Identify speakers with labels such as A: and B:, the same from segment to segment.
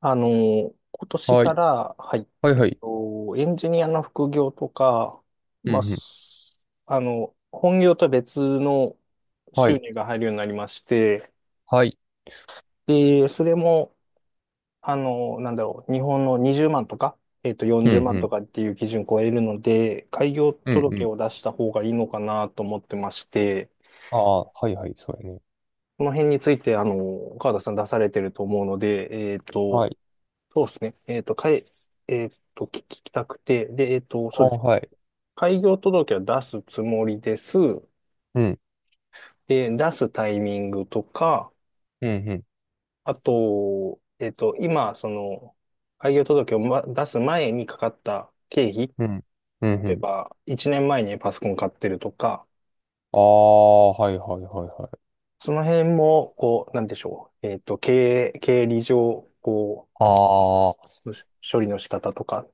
A: 今年
B: は
A: か
B: い。
A: ら、はい、
B: はいはい。
A: と、エンジニアの副業とか、
B: う
A: まあ、
B: んうん。
A: 本業とは別の
B: は
A: 収
B: い。
A: 入が入るようになりまして、
B: はい。
A: で、それも、なんだろう、日本の20万とか、
B: うん
A: 40
B: う
A: 万と
B: ん。
A: かっていう基準を超えるので、開業
B: うんう
A: 届
B: ん。
A: を出した方がいいのかなと思ってまして、
B: ああ、はいはい。そうやね。
A: この辺について、川田さん出されてると思うので、
B: はい。
A: そうですね。えっと、かい、えっと、聞きたくて、で、そ
B: あ
A: うで
B: あ、
A: す。
B: はい。
A: 開業届は出すつもりです。
B: うん。
A: で、出すタイミングとか、
B: うんうん。
A: あと、今、その、開業届を、出す前にかかった経費、
B: うん。うんう
A: 例え
B: ん。
A: ば、1年前にパソコン買ってるとか、
B: ああ、はいはいはいはい。
A: その辺も、こう、なんでしょう。経理上、こ
B: ああ、は
A: う、処理の仕方とかっ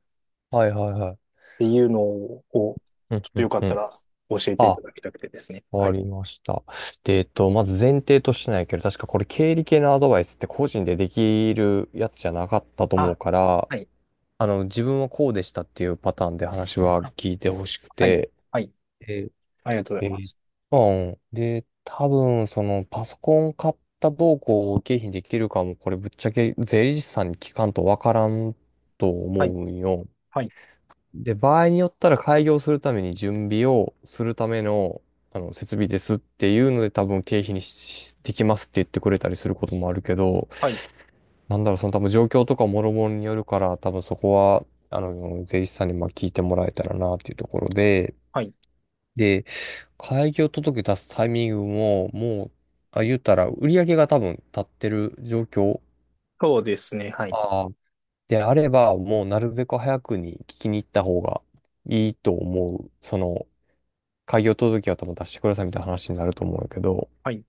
B: いはいはい。
A: ていうのを、こう
B: うん
A: ちょっ
B: う
A: とよ
B: ん
A: かっ
B: う
A: た
B: ん。
A: ら教えてい
B: あ、
A: ただきたくてですね。は
B: わか
A: い。
B: りました。で、まず前提としてないけど、確かこれ経理系のアドバイスって個人でできるやつじゃなかったと思う
A: あ、
B: から、
A: はい。
B: 自分はこうでしたっていうパターンで話は
A: あ
B: 聞いてほしく
A: はい。
B: て、
A: はい。
B: え
A: ありがとうご
B: え
A: ざいま
B: ー、
A: す。
B: うんで、多分、その、パソコン買ったどうこう経費にできるかも、これぶっちゃけ税理士さんに聞かんとわからんと
A: は
B: 思
A: い。
B: うんよ。
A: はい。
B: で、場合によったら開業するために準備をするための、設備ですっていうので、多分経費にしできますって言ってくれたりすることもあるけど、
A: はい。
B: なんだろう、その多分状況とかもろもろによるから、多分そこは、税理士さんにまあ聞いてもらえたらなっていうところで、
A: はい。
B: で、開業届出すタイミングも、もう、あ、言ったら、売り上げが多分立ってる状況。
A: そうですね。はい。
B: ああ。であれば、もうなるべく早くに聞きに行った方がいいと思う。その、開業届は多分出してくださいみたいな話になると思うんやけど。
A: はい。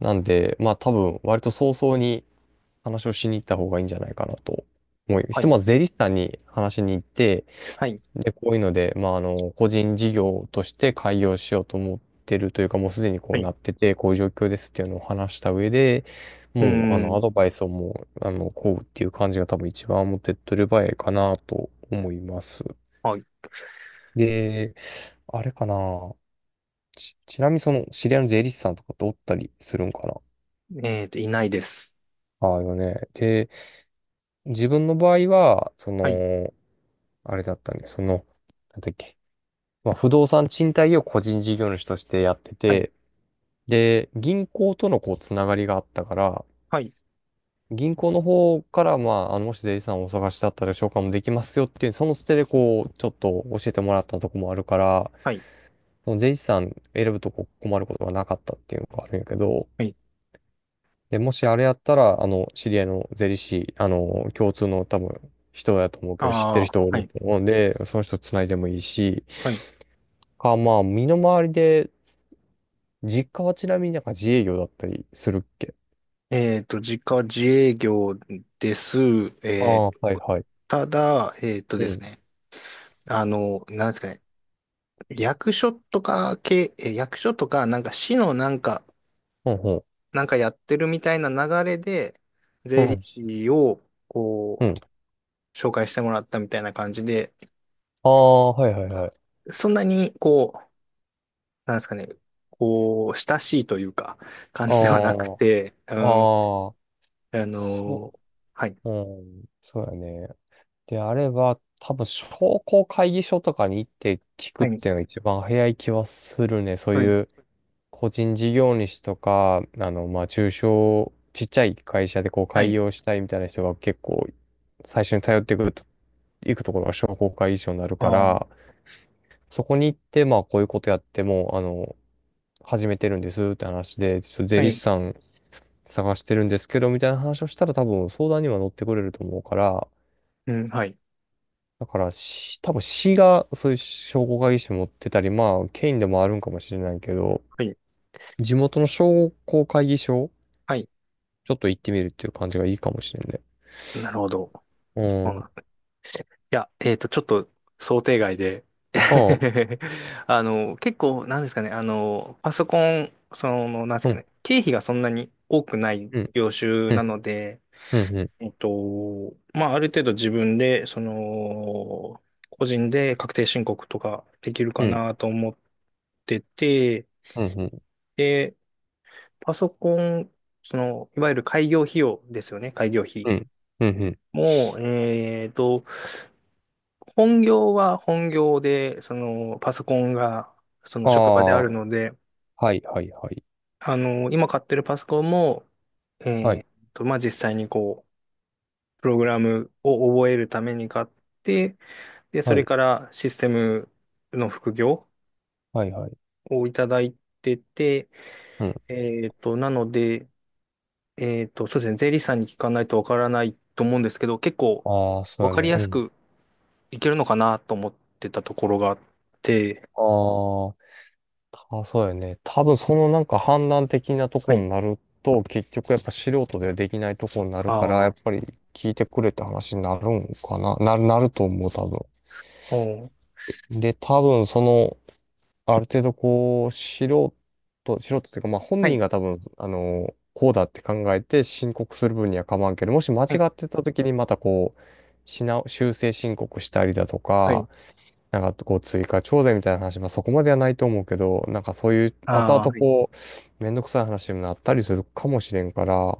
B: なんで、まあ多分、割と早々に話をしに行った方がいいんじゃないかなと思う。ひ
A: は
B: と
A: い。
B: まず税理士さんに話しに行って、
A: はい。
B: で、こういうので、まあ、個人事業として開業しようと思ってるというか、もうすでにこ
A: は
B: う
A: い。
B: なってて、こういう状況ですっていうのを話した上で、
A: う
B: もう、
A: ー
B: アド
A: ん。
B: バイスをもう、こうっていう感じが多分一番持って取る場合かなと思います。
A: はい。
B: で、あれかな。ちなみにその、知り合いの税理士さんとかっておったりするんかな。
A: いないです。
B: ああよね。で、自分の場合は、そ
A: はい。
B: の、あれだったんで、その、なんだっけ。まあ、不動産賃貸業を個人事業主としてやって
A: はい。
B: て、で、銀行とのこう、つながりがあったから、
A: はい。
B: 銀行の方から、まあ、もし税理士さんをお探しだったら紹介もできますよっていう、その捨てでこう、ちょっと教えてもらったとこもあるから、
A: はい。
B: その税理士さん選ぶとこ困ることがなかったっていうのがあるんやけど、
A: はい。
B: で、もしあれやったら、知り合いの税理士、共通の多分、人だと思うけど、知って
A: あ
B: る
A: あ、
B: 人がお
A: は
B: る
A: い。
B: と思うんで、その人繋いでもいいし、
A: はい。
B: か、まあ、身の回りで、実家はちなみになんか自営業だったりするっけ。
A: 自家自営業です。
B: あ
A: え
B: あー、
A: っ
B: はい
A: と、
B: はい。
A: ただ、えっと
B: う
A: です
B: ん。
A: ね。なんですかね。役所とか、なんか市の
B: うんうん
A: なんかやってるみたいな流れで、
B: う
A: 税理
B: ん。
A: 士を、
B: う
A: こ
B: ん。
A: う、紹介してもらったみたいな感じで、
B: ああ、はいはいはい。
A: そんなに、こう、なんですかね、こう、親しいというか、感
B: あ
A: じではなくて、うん、
B: あああ
A: あ
B: そ
A: のはい、
B: う、うん、そうやね。であれば、多分商工会議所とかに行って聞く
A: は
B: っ
A: い、
B: ていうのが一番早い気はするね。そう
A: はい、
B: いう個人事業主とか、まあ、中小、ちっちゃい会社でこう
A: は
B: 開
A: い、
B: 業したいみたいな人が結構最初に頼ってくると、行くところが商工会議所になるか
A: あー、
B: ら、そこに行って、まあ、こういうことやっても、始めてるんですって話で、ちょっと税
A: は
B: 理士
A: い、
B: さん探してるんですけど、みたいな話をしたら多分相談には乗ってくれると思うから、
A: うん、はい、
B: だからし、多分市がそういう商工会議所持ってたり、まあ、県でもあるんかもしれないけど、
A: はい、
B: 地元の商工会議所、
A: はい、
B: ちょっと行ってみるっていう感じがいいかもしれんね。
A: なるほど。
B: う
A: そうな
B: ん。
A: ん、いや、ちょっと想定外で
B: ああ、
A: 結構、なんですかね、パソコン、その、なんです
B: う
A: か
B: ん、
A: ね、経費がそんなに多くない
B: うん、
A: 業種
B: う
A: な
B: ん、
A: ので、
B: うん、うん、
A: まあ、ある程度自分で、その、個人で確定申告とかできる
B: う
A: か
B: ん、
A: なと思ってて、
B: うん、うん、
A: で、パソコン、その、いわゆる開業費用ですよね、開業費
B: うん、うん、うん。
A: も、本業は本業で、そのパソコンがその
B: あ
A: 職場であ
B: あ、
A: るので、
B: はい、はい、はい。
A: 今買ってるパソコンも、え
B: は
A: ー
B: い、
A: っまあ、実際にこう、プログラムを覚えるために買って、で、そ
B: は
A: れ
B: い、
A: からシステムの副業
B: はい、はい。
A: をいただいてて、
B: うん。
A: えなので、そうですね、税理士さんに聞かないとわからないと思うんですけど、結構
B: ああ、そ
A: わ
B: う
A: かり
B: やね。
A: や
B: う
A: す
B: ん。
A: くいけるのかなと思ってたところがあって、
B: ああ、あ、そうやね。多分そのなんか判断的なと
A: は
B: こ
A: い。
B: になると、結局やっぱ素人ではできないとこになるから、
A: あ
B: やっ
A: あ、
B: ぱり聞いてくれって話になるんかな。なると思う、多
A: お
B: 分。で、多分その、ある程度こう、素人っていうか、まあ本
A: は
B: 人
A: い。
B: が多分、こうだって考えて申告する分には構わんけど、もし間違
A: はい。
B: ってた時にまたこう、修正申告したりだと
A: はい。
B: か、なんかこう追加徴税みたいな話、まあそこまではないと思うけど、なんかそういう後
A: ああ、
B: 々
A: はい。
B: こう、めんどくさい話にもなったりするかもしれんから、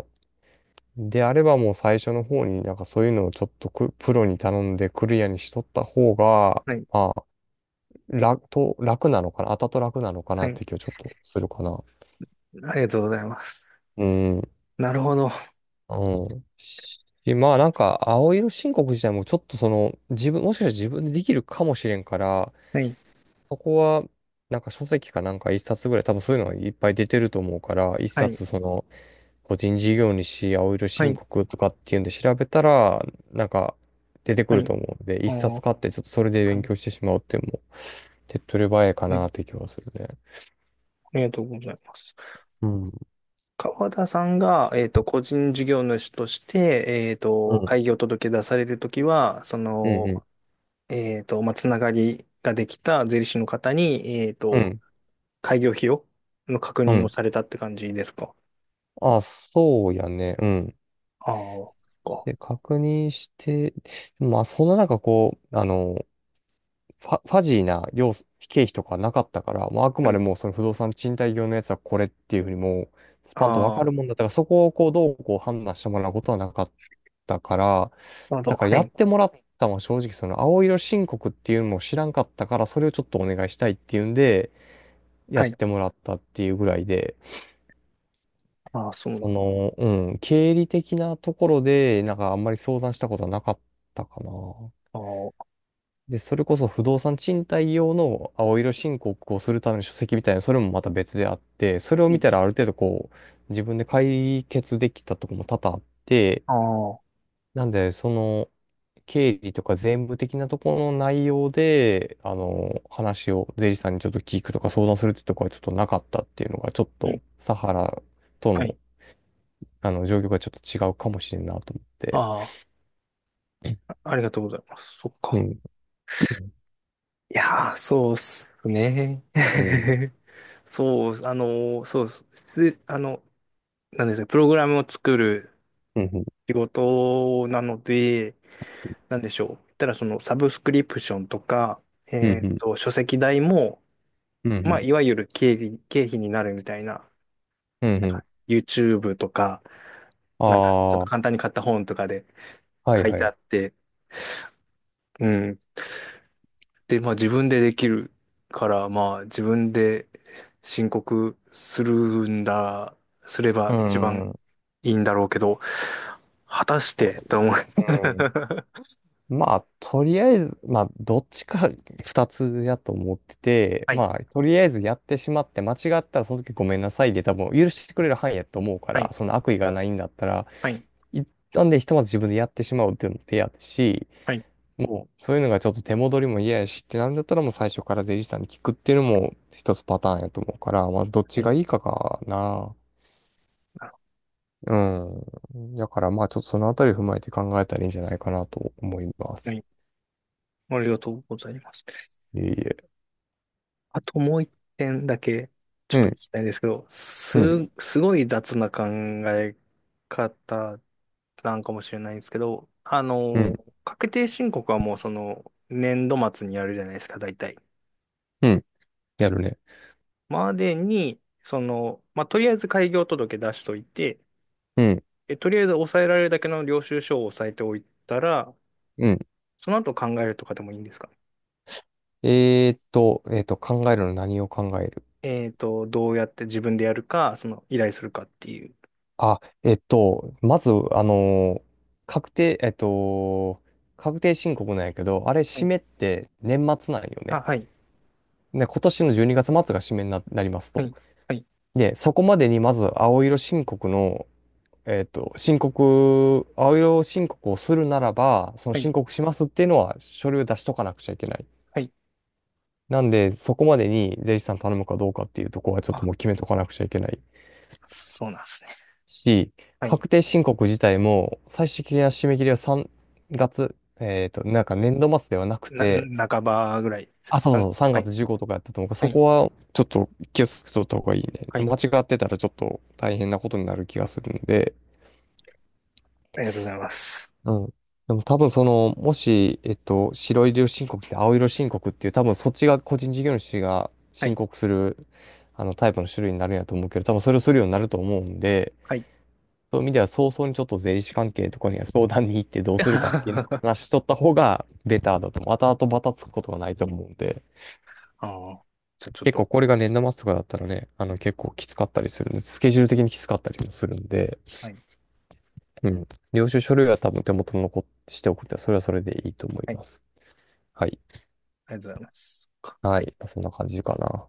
B: であればもう最初の方になんかそういうのをちょっとくプロに頼んでクリアにしとった方が、
A: はい。
B: まあ、楽なのかな、後々楽なのかな
A: は
B: っ
A: い。
B: て気はちょっとするかな。
A: ありがとうございます。
B: うん。
A: なるほど。
B: うん。しまあなんか、青色申告自体もちょっとその、もしかしたら自分でできるかもしれんから、
A: はい。
B: そこは、なんか書籍かなんか一冊ぐらい、多分そういうのがいっぱい出てると思うから、一
A: はい。
B: 冊その、個人事業主青色
A: は
B: 申
A: い。
B: 告とかっていうんで調べたら、なんか出てく
A: は
B: る
A: い。
B: と思うので、
A: あ
B: 一
A: あ、
B: 冊買ってちょっとそれで
A: は
B: 勉
A: い。
B: 強してしまうっていうのも、手っ取り早いか
A: はい。
B: なって気はするね。
A: ありがとうございます。
B: うん。
A: 川田さんが、個人事業主として、
B: うん。
A: 開業届出されるときは、そ
B: うん
A: の、
B: うん。
A: まあ、つながりができた税理士の方に、
B: うん。
A: 開業費の確
B: う
A: 認を
B: ん。
A: されたって感じですか？
B: あ、そうやね。うん。
A: ああ、そっか。
B: で、確認して、まあ、そんな中こう、ファジーな量、経費とかなかったから、もうあく
A: は
B: まで
A: い。
B: もうその不動産賃貸業のやつはこれっていうふうにもう、スパンとわ
A: ああ、
B: か
A: な
B: るもんだったから、そこをこう、どうこう判断してもらうことはなかったから、
A: るほど。
B: だから
A: は
B: やっ
A: い。
B: てもらったのは正直その青色申告っていうのも知らんかったから、それをちょっとお願いしたいっていうんで、や
A: は
B: っ
A: い。
B: てもらったっていうぐらいで、
A: ああ、そう
B: そ
A: なん。
B: の、うん、経理的なところで、なんかあんまり相談したことはなかったかな。
A: ああ、は
B: で、それこそ不動産賃貸用の青色申告をするための書籍みたいな、それもまた別であって、それを見たら
A: い、
B: ある程度こう、自分で解決できたとこも多々あって、
A: ああ、
B: なんで、その、経理とか税務的なところの内容で、話を税理士さんにちょっと聞くとか相談するってとこはちょっとなかったっていうのが、ちょっ
A: う
B: と、
A: ん。
B: サハラと
A: は
B: の、
A: い。
B: 状況がちょっと違うかもしれんなと思って。
A: ああ、
B: うん。
A: ありがとうございます。そっ
B: う
A: か。
B: ん。
A: いやー、そうっすね。
B: うん。
A: そう、そうっす。で、なんですか、プログラムを作る
B: うん。
A: 仕事なので、なんでしょう。言ったら、その、サブスクリプションとか、
B: うん。うん。
A: 書籍代も、
B: う
A: まあ、
B: ん。
A: いわゆる経費になるみたいな、
B: うん。
A: なん
B: う
A: か、
B: ん。
A: YouTube とか、なんか、ちょっ
B: あ
A: と
B: あ。
A: 簡単に買った本とかで
B: はい
A: 書い
B: は
A: てあ
B: い。
A: って、うんで、まあ自分でできるから、まあ自分で申告するんだ、すれ
B: う
A: ば一
B: ん。
A: 番
B: うん。
A: いいんだろうけど、果たしてと思う。
B: まあ、とりあえず、まあ、どっちか 二つやと思ってて、
A: はい、
B: まあ、とりあえずやってしまって、間違ったらその時ごめんなさいで多分許してくれる範囲やと思うか
A: は
B: ら、
A: い、
B: その悪意がないんだったら、
A: はい、
B: 一旦でひとまず自分でやってしまうっていうのも手やし、
A: はい、
B: もう、そういうのがちょっと手戻りも嫌やしってなるんだったら、もう最初から税理士さんに聞くっていうのも一つパターンやと思うから、まあ、どっ
A: は
B: ちが
A: い、
B: いいかかな。
A: あ
B: うん。だからまあちょっとそのあたり踏まえて考えたらいいんじゃないかなと思いま
A: は
B: す。
A: い、ありがとうございます。
B: いえいえ。
A: あともう一点だけちょっ
B: う
A: と聞
B: ん、
A: きたいんですけど、
B: うん、
A: すごい雑な考え方なんかもしれないんですけど、
B: うん、
A: 確定申告はもうその年度末にやるじゃないですか、大体。
B: うん。やるね。
A: までに、その、まあ、とりあえず開業届出しといて、
B: うん、
A: とりあえず抑えられるだけの領収書を抑えておいたら、
B: うん。
A: その後考えるとかでもいいんですか？
B: えーっと、考えるの何を考える。
A: どうやって自分でやるか、その依頼するかっていう。
B: あ、まず、確定、確定申告なんやけど、あれ、
A: は
B: 締
A: い、
B: めって年末なんよね。
A: あ、はい、
B: で、今年の12月末が締めになります
A: は
B: と。
A: い、はい、
B: で、そこまでにまず青色申告の、申告、青色申告をするならば、その
A: はい、
B: 申告しますっていうのは書類を出しとかなくちゃいけない。
A: はい。
B: なんで、そこまでに税理士さん頼むかどうかっていうところはちょっと
A: あ、
B: もう決めとかなくちゃいけない
A: そうなんですね。
B: し、
A: はい。
B: 確定申告自体も最終的な締め切りは3月、なんか年度末ではなく
A: な、
B: て、
A: 半ばぐらいです
B: あ、そう
A: か？
B: そうそう、3
A: はい、
B: 月15とかやったと思うから、
A: は
B: そ
A: い、
B: こはちょっと気をつけとった方がいいね。
A: はい。
B: 間違ってたらちょっと大変なことになる気がするんで、
A: ありがとうございます。
B: うん。でも多分その、もし、白色申告って青色申告っていう、多分そっちが個人事業主が
A: は
B: 申
A: い。
B: 告する、タイプの種類になるんやと思うけど、多分それをするようになると思うんで、
A: はい。
B: そういう意味では早々にちょっと税理士関係とかには相談に行ってどうするかっていうのを
A: あ
B: 話しとった方がベターだと思う。後々バタつくことがないと思うんで、
A: あ。じゃあちょっ
B: 結構
A: と、
B: これが年度末とかだったらね、あの結構きつかったりするんで、スケジュール的にきつかったりもするんで、
A: はい。
B: うん。領収書類は多分手元に残しておくって、それはそれでいいと思い
A: はい。
B: ます。はい。
A: ありがとうございます。
B: は
A: はい。
B: い。そんな感じかな。